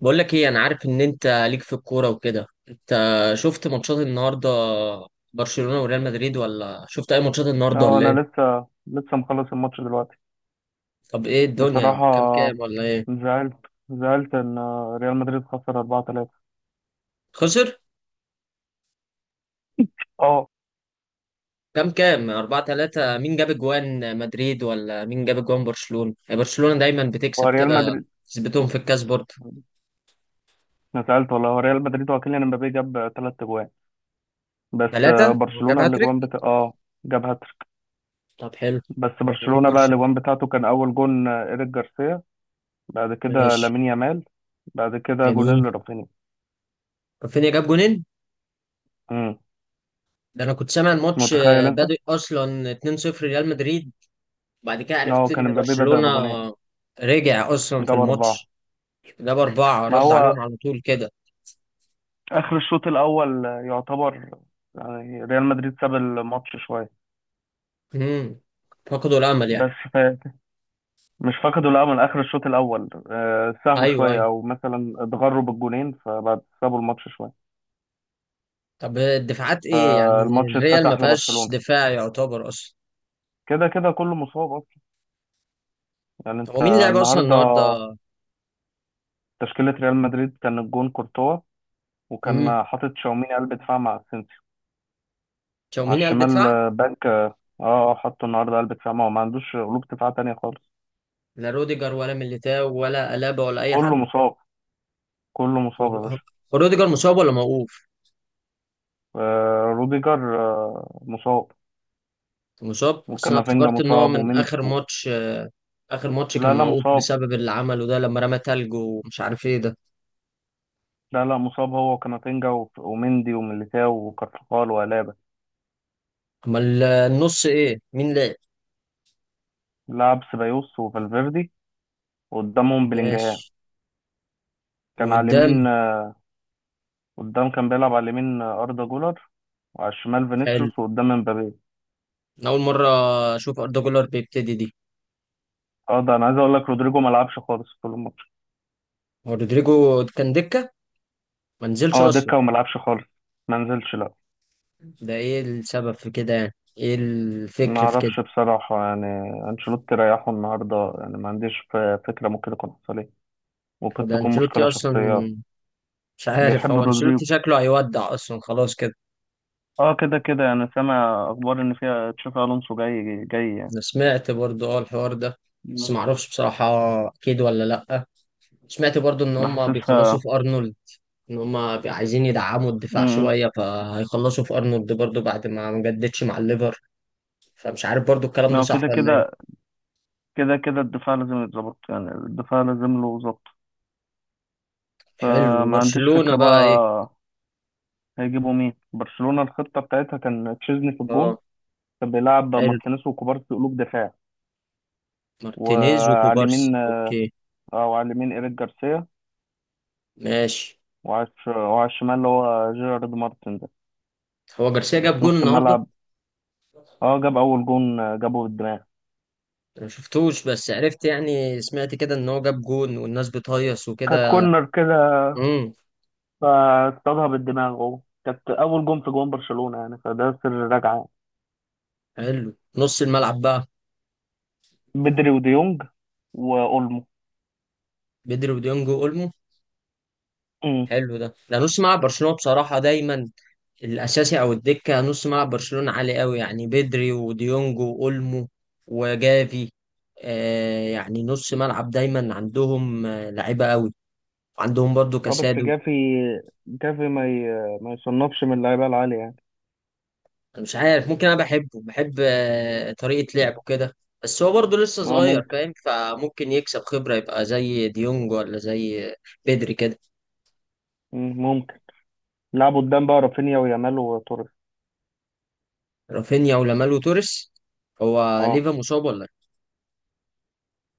بقول لك ايه، انا عارف ان انت ليك في الكوره وكده. انت شفت ماتشات النهارده؟ برشلونه وريال مدريد، ولا شفت اي ماتشات النهارده اه، ولا انا ايه؟ لسه مخلص الماتش دلوقتي. طب ايه الدنيا، كام بصراحة، كام ولا ايه؟ زعلت زعلت ان ريال مدريد خسر 4-3. خسر اه. كام كام؟ 4-3. مين جاب اجوان مدريد ولا مين جاب اجوان برشلونه؟ يعني برشلونه دايما هو بتكسب ريال كده، مدريد. تثبتهم في الكاس برضه. انا زعلت والله، هو ريال مدريد وكيليان امبابي جاب ثلاث اجوان. بس 3، جاب برشلونة هاتريك. الاجوان اه. جاب هاتريك. طب حلو. بس ومين برشلونة بقى الاجوان برشلونه؟ بتاعته كان اول جون ايريك جارسيا. بعد كده ماشي. لامين يامال. بعد كده جونين جميل. لرافينيا. رافينيا جاب جونين. امم. ده انا كنت سامع الماتش متخيل انت؟ بادئ اصلا 2-0 ريال مدريد، بعد كده اه، عرفت كان ان امبابي بدأ برشلونة بجونين. رجع اصلا في جاب اربعة. الماتش. جاب اربعة، ما رد عليهم هو على طول كده. اخر الشوط الاول يعتبر، يعني ريال مدريد ساب الماتش شويه. امم فقدوا الامل يعني. بس مش فقدوا الامل اخر الشوط الاول، ساهوا ايوه شويه ايوه، او مثلا اتغروا بالجونين، فبعد سابوا الماتش شويه. طب الدفاعات ايه يعني؟ فالماتش الريال ما اتفتح فيهاش لبرشلونه. دفاع يعتبر اصلا. كده كده كله مصاب اصلا. يعني انت هو مين لعب اصلا النهارده، النهارده؟ تشكيله ريال مدريد كان الجون كورتوا. امم وكان حاطط شاوميني قلب دفاع مع اسينسيو على تشاوميني قلب الشمال دفاع؟ باك اه. حطه النهارده قلب دفاع، ما هو ما عندوش قلوب دفاع تانية خالص. لا روديجر ولا ميليتاو ولا الابا ولا اي كله حد؟ مصاب. كله مصاب يا باشا. هو روديجر مصاب ولا موقوف؟ آه، روديجر مصاب. مصاب، اصل انا وكامافينجا افتكرت ان هو مصاب من ومند اخر ماتش. اخر ماتش كان لا، لا، موقوف مصاب. بسبب اللي عمله ده لما رمى تلج ومش عارف ايه ده. لا، لا، مصاب هو وكامافينجا ومندي وميليتاو وكارفخال وألابا. امال النص ايه، مين لعب؟ لعب سيبايوس وفالفيردي، وقدامهم بلينجهام. ماشي. كان على وقدام؟ اليمين قدام كان بيلعب على اليمين أردا جولر. وعلى الشمال حلو. فينيسيوس، وقدام مبابي. انا اول مره اشوف اردا جولر بيبتدي دي. اه، ده انا عايز اقول لك، رودريجو ما لعبش خالص طول الماتش. هو رودريجو كان دكه، ما نزلش اه، اصلا؟ دكة وما لعبش خالص. ما نزلش لا. ده ايه السبب في كده يعني، ايه ما الفكر في كده؟ اعرفش بصراحة يعني. انشيلوتي ريحه النهارده، يعني ما عنديش فكرة ممكن يكون حصل ايه. وقد وده تكون انشيلوتي مشكلة اصلا، شخصية. مش عارف بيحب هو رودريجو. انشيلوتي شكله هيودع اصلا خلاص كده. اه، كده كده انا سامع اخبار ان فيها تشافي الونسو جاي جاي يعني. انا سمعت برضو اه الحوار ده، بس مم. معرفش بصراحه اكيد ولا لا. سمعت برضو ان انا هم بيخلصوا حاسسها. في ارنولد، ان هم عايزين يدعموا الدفاع امم. شويه فهيخلصوا في ارنولد برضو بعد ما جددش مع الليفر، فمش عارف برضو الكلام ده هو صح كده ولا ايه. كده كده كده الدفاع لازم يتظبط، يعني الدفاع لازم له ظبط. حلو، فما عنديش وبرشلونه فكرة بقى ايه؟ بقى. هيجيبوا مين برشلونة؟ الخطة بتاعتها كان تشيزني في الجون. اه. كان بيلعب حلو. ماركينيز وكوبارسي قلوب دفاع. مارتينيز وعلى وكوبارسي، اليمين اوكي. او على اليمين ايريك جارسيا. ماشي. وعلى الشمال اللي هو جيرارد مارتن ده. هو جارسيا جاب وفي جون نص النهارده؟ الملعب، اه جاب اول جون جابه بالدماغ. انا ما شفتوش، بس عرفت يعني، سمعت كده ان هو جاب جون والناس بتهيص كانت وكده. كورنر كده. امم. فاصطادها بالدماغ، هو كانت اول جون في جون برشلونة يعني، فده سر الرجعة. حلو. نص الملعب بقى؟ بدري وديونج واولمو. بدري وديونج واولمو. امم. حلو. ده نص ملعب برشلونه بصراحه، دايما الاساسي او الدكه نص ملعب برشلونه عالي قوي، يعني بدري وديونج واولمو وجافي، آه، يعني نص ملعب دايما عندهم آه لعيبه قوي. عندهم برضو اه، بس كاسادو. جافي ما يصنفش من اللعيبة العالية يعني. انا مش عارف، ممكن انا بحبه، بحب آه طريقه لعبه كده، بس هو برضو لسه اه، صغير ممكن. فاهم، فممكن يكسب خبره يبقى زي ديونج ولا زي بدري كده. ممكن. لعبوا قدام بقى رافينيا ويامال وتوريس. رافينيا ولامال وتوريس. هو اه، ليفا مصاب ولا إيه؟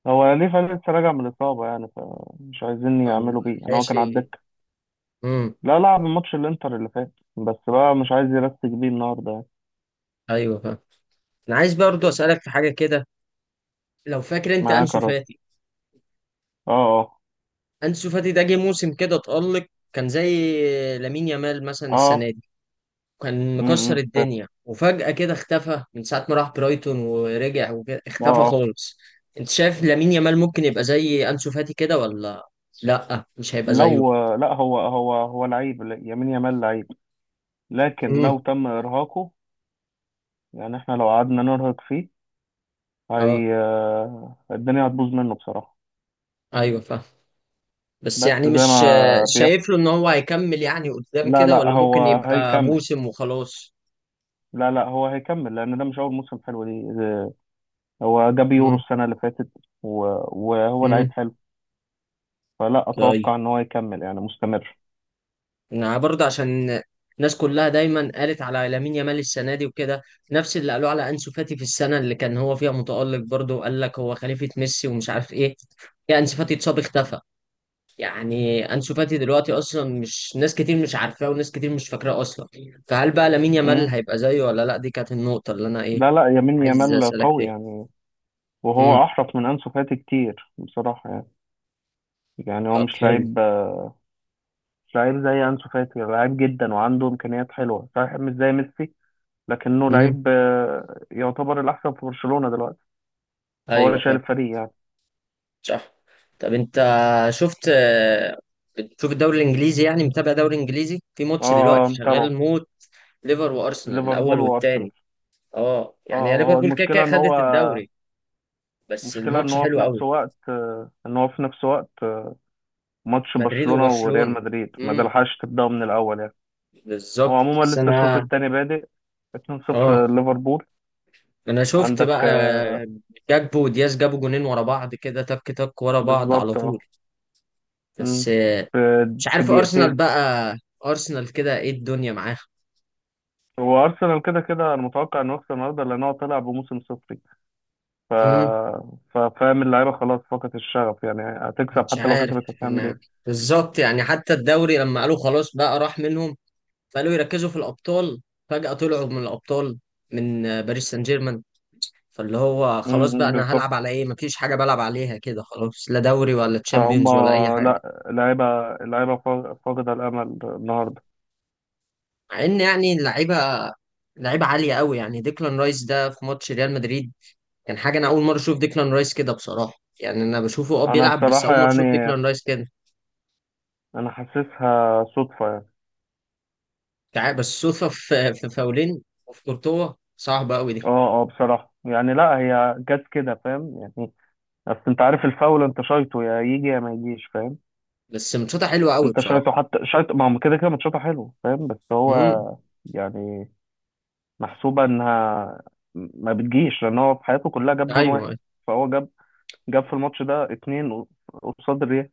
هو ليفا لسه راجع من الإصابة، يعني فمش عايزين فما يعملوا بيه، يعني هو لحقش. كان على الدكة. امم. لا، لعب ماتش الإنتر اللي فات، بس بقى مش عايز يرسك بيه النهاردة يعني. ايوه فاهم. انا عايز برضو اسالك في حاجه كده. لو فاكر انت معاه انسو كرات. فاتي، اه. اه. انسو فاتي ده جه موسم كده اتألق، كان زي لامين يامال مثلا السنه اه. دي، كان مكسر امم، فاهم. الدنيا وفجأة كده اختفى من ساعه ما راح برايتون ورجع وكده اه، اختفى اه. خالص. انت شايف لامين يامال ممكن يبقى زي انسو فاتي كده ولا لا، مش هيبقى زيه؟ لو لا هو لعيب، يمين يامال لعيب. لكن امم. لو تم ارهاقه، يعني احنا لو قعدنا نرهق فيه، اه هي الدنيا هتبوظ منه بصراحة. ايوه فاهم. بس بس يعني زي مش ما بيحصل. شايف له ان هو هيكمل يعني قدام لا، كده لا، ولا ممكن هو يبقى هيكمل. موسم وخلاص؟ لا، لا، هو هيكمل، لان ده مش اول موسم حلو دي. هو جاب يورو امم. السنة اللي فاتت. و- وهو لعيب امم. حلو. فلا طيب. اتوقع ان هو يكمل، يعني مستمر. يعني برضه عشان الناس كلها دايما قالت على لامين يامال السنه دي وكده، نفس اللي قالوه على انسو فاتي في السنه اللي كان هو فيها متالق برضه، وقال لك هو خليفه ميسي ومش عارف ايه، يا انسو فاتي اتصاب اختفى. يعني انسو فاتي دلوقتي اصلا مش ناس كتير مش عارفاه، وناس كتير مش فاكراه اصلا. فهل بقى لامين يامال امم. هيبقى زيه ولا لا؟ دي كانت النقطه اللي انا ايه لا، لا، يمين عايز يامال اسالك قوي فيها. يعني. امم. وهو احرف من انسو فاتي كتير بصراحة يعني. يعني هو طب مش حلو. لعيب. مش لعيب زي أنسو فاتي. لعيب جدا وعنده إمكانيات حلوة صحيح، مش زي ميسي، لكنه امم. لعيب، يعتبر الأحسن في برشلونة دلوقتي. هو اللي ايوه. شايل الفريق يعني. صح. طب انت شفت، بتشوف الدوري الانجليزي؟ يعني متابع دوري انجليزي؟ في اه، ماتش دلوقتي شغال متابعه. موت، ليفر وارسنال، ليفربول الاول وأرسنال. والتاني. اه اه، يعني يا هو ليفربول كده كده المشكلة إن هو خدت الدوري، بس المشكلة إن الماتش هو في حلو نفس قوي. وقت آه، إن هو في نفس وقت آه، ماتش مدريد برشلونة وريال وبرشلونة. مدريد، ما امم. دلحقش تبدأه من الأول يعني. هو بالظبط. عموما بس لسه الشوط انا التاني بادئ. اه، 2-0 ليفربول. انا شفت عندك بقى جاكبو ودياز جابوا جونين ورا بعض كده، تك تك ورا بعض على بالظبط طول. اه. بس مم. في مش في عارف ارسنال دقيقتين. بقى، ارسنال كده ايه الدنيا معاها؟ هو ارسنال كده كده، انا متوقع انه يخسر النهارده، لان هو طلع بموسم صفري. ف... فاهم، اللعيبه خلاص فقدت الشغف، يعني هتكسب. مش حتى لو عارف كسبت هتعمل انا ايه؟ بالظبط يعني، حتى الدوري لما قالوا خلاص بقى راح منهم، فقالوا يركزوا في الابطال، فجأة طلعوا من الابطال، من باريس سان جيرمان. فاللي هو خلاص بقى امم، انا بالظبط. هلعب على ايه؟ مفيش حاجة بلعب عليها كده خلاص، لا دوري ولا فهم. تشامبيونز ولا اي حاجة. لا، لعيبه، فاقده الامل النهارده. مع ان يعني اللعيبة، لعيبة عالية قوي، يعني ديكلان رايس ده في ماتش ريال مدريد كان حاجة، انا اول مرة اشوف ديكلان رايس كده بصراحة. يعني انا بشوفه اه انا بيلعب، بس بصراحه اول مرة يعني، اشوف ديكلان رايس كده. انا حاسسها صدفه يعني. بس صدفة في فاولين وفي كورتوا صعبة قوي دي. اه، اه، بصراحه يعني، لا هي جت كده، فاهم يعني. بس انت عارف، الفاول انت شايطه، يا يجي يا ما يجيش، فاهم. بس ماتشاتها حلوه قوي انت بصراحه. شايطه، حتى شايطه، ما هو كده كده ماتشاته حلو، فاهم، بس هو امم. يعني محسوبة انها ما بتجيش، لان هو في حياته كلها جاب جون واحد. ايوه. فهو جاب في الماتش ده اتنين، قصاد الريال.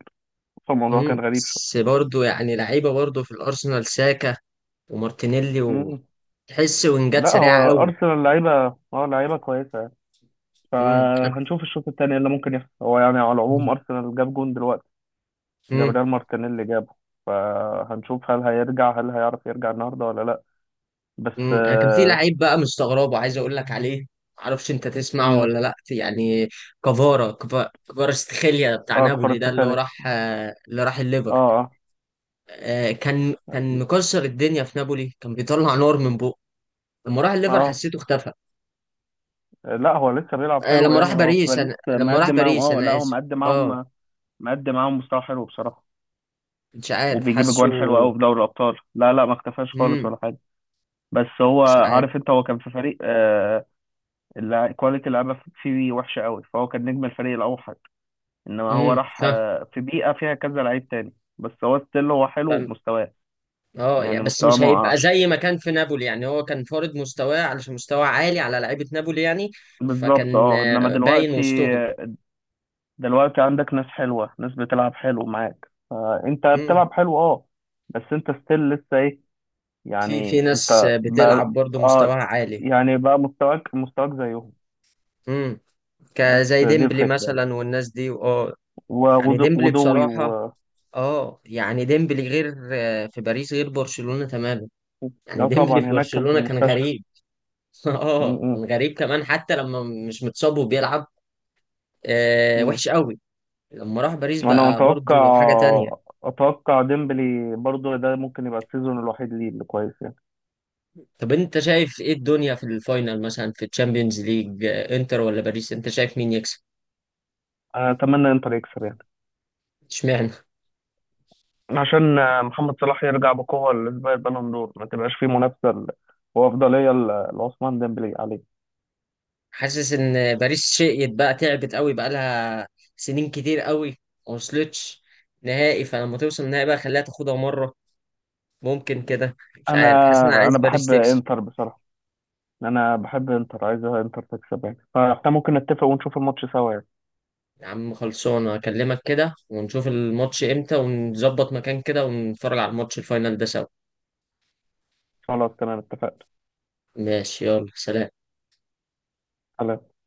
فالموضوع امم. كان غريب شوية. بس برضه يعني لعيبه برضه في الارسنال، ساكا ومارتينيلي، مم. وتحس وينجات لا، هو سريعه قوي. ارسنال لعيبة. اه، لعيبة كويسة يعني. امم. فهنشوف الشوط التاني إيه اللي ممكن يحصل. هو يعني على العموم ارسنال جاب جون دلوقتي. امم. جابريال مارتينيلي جابه. فهنشوف هل هيرجع، هل هيعرف يرجع النهارده ولا لا. بس انا كان في اه. لعيب بقى مستغربه عايز اقول لك عليه، معرفش انت تسمعه مم. ولا لا يعني. كفارا استخيليا بتاع نابولي كفارة ده، اللي هو سخالي. راح اللي راح اه، الليفر. اه. كان مكسر الدنيا في نابولي، كان بيطلع نار من بقه. لما راح الليفر اه. حسيته اختفى. لا، هو لسه بيلعب آه حلو لما راح يعني. هو في باريس، باريس انا لما راح مقدم معاهم. باريس اه، لا، انا هو اسف، مقدم اه معاهم. مقدم معاهم مستوى حلو بصراحة. مش عارف وبيجيب حاسه. اجوان حلوة قوي في دوري الابطال. لا، لا، ما اختفاش خالص امم. ولا حاجة. بس هو، مش عارف. عارف انت، هو كان في فريق كواليتي اللعيبة فيه وحشة قوي، فهو كان نجم الفريق الاوحد. انما هو راح فاهم. في بيئة فيها كذا لعيب تاني، بس هو ستيل هو حلو فاهم. بمستواه. اه يعني يعني بس مستواه مش ما هيبقى وقعش. زي ما كان في نابولي يعني، هو كان فارض مستواه علشان مستوى عالي على لعيبة نابولي يعني، بالظبط فكان اه. انما باين دلوقتي، وسطهم. دلوقتي عندك ناس حلوة، ناس بتلعب حلو معاك، فأنت امم. بتلعب حلو اه. بس أنت ستيل لسه إيه، في يعني ناس أنت بقى، بتلعب برضه اه، مستواها عالي. يعني بقى مستواك زيهم. امم. كزي بس دي ديمبلي الفكرة. مثلا والناس دي، اه يعني وغدو- ديمبلي وضوي و بصراحة، اه يعني ديمبلي غير في باريس، غير برشلونة تماما. يعني لا طبعا، ديمبلي في هناك كان في برشلونة كان المستشفى. غريب. م- اه م- كان غريب كمان حتى لما مش متصاب وبيلعب، آه م. وحش قوي. لما راح باريس وأنا بقى أتوقع برضو حاجة تانية. أتوقع ديمبلي برضو، ده ممكن يبقى السيزون الوحيد ليه اللي كويس يعني. طب انت شايف ايه الدنيا في الفاينل، مثلا في الشامبيونز ليج، انتر ولا باريس؟ انت شايف مين يكسب؟ أنا أتمنى إنتر يكسب يعني، اشمعنى؟ عشان محمد صلاح يرجع بقوة لسباق البالون دور، ما تبقاش فيه منافسة وأفضلية لعثمان ديمبلي عليه. حاسس ان باريس شقيت بقى، تعبت قوي، بقى لها سنين كتير قوي ما وصلتش نهائي، فلما توصل النهائي بقى خليها تاخدها مرة، ممكن كده. مش أنا عارف، حاسس ان انا عايز أنا باريس بحب تكسب. إنتر بصراحة. أنا بحب إنتر، عايز إنتر تكسب يعني. فإحنا ممكن نتفق ونشوف الماتش سوا يعني. يا عم خلصانة، أكلمك كده ونشوف الماتش إمتى ونظبط مكان كده، ونتفرج على الماتش الفاينل ده سوا. خلاص، تمام، اتفقنا. ماشي، يلا سلام.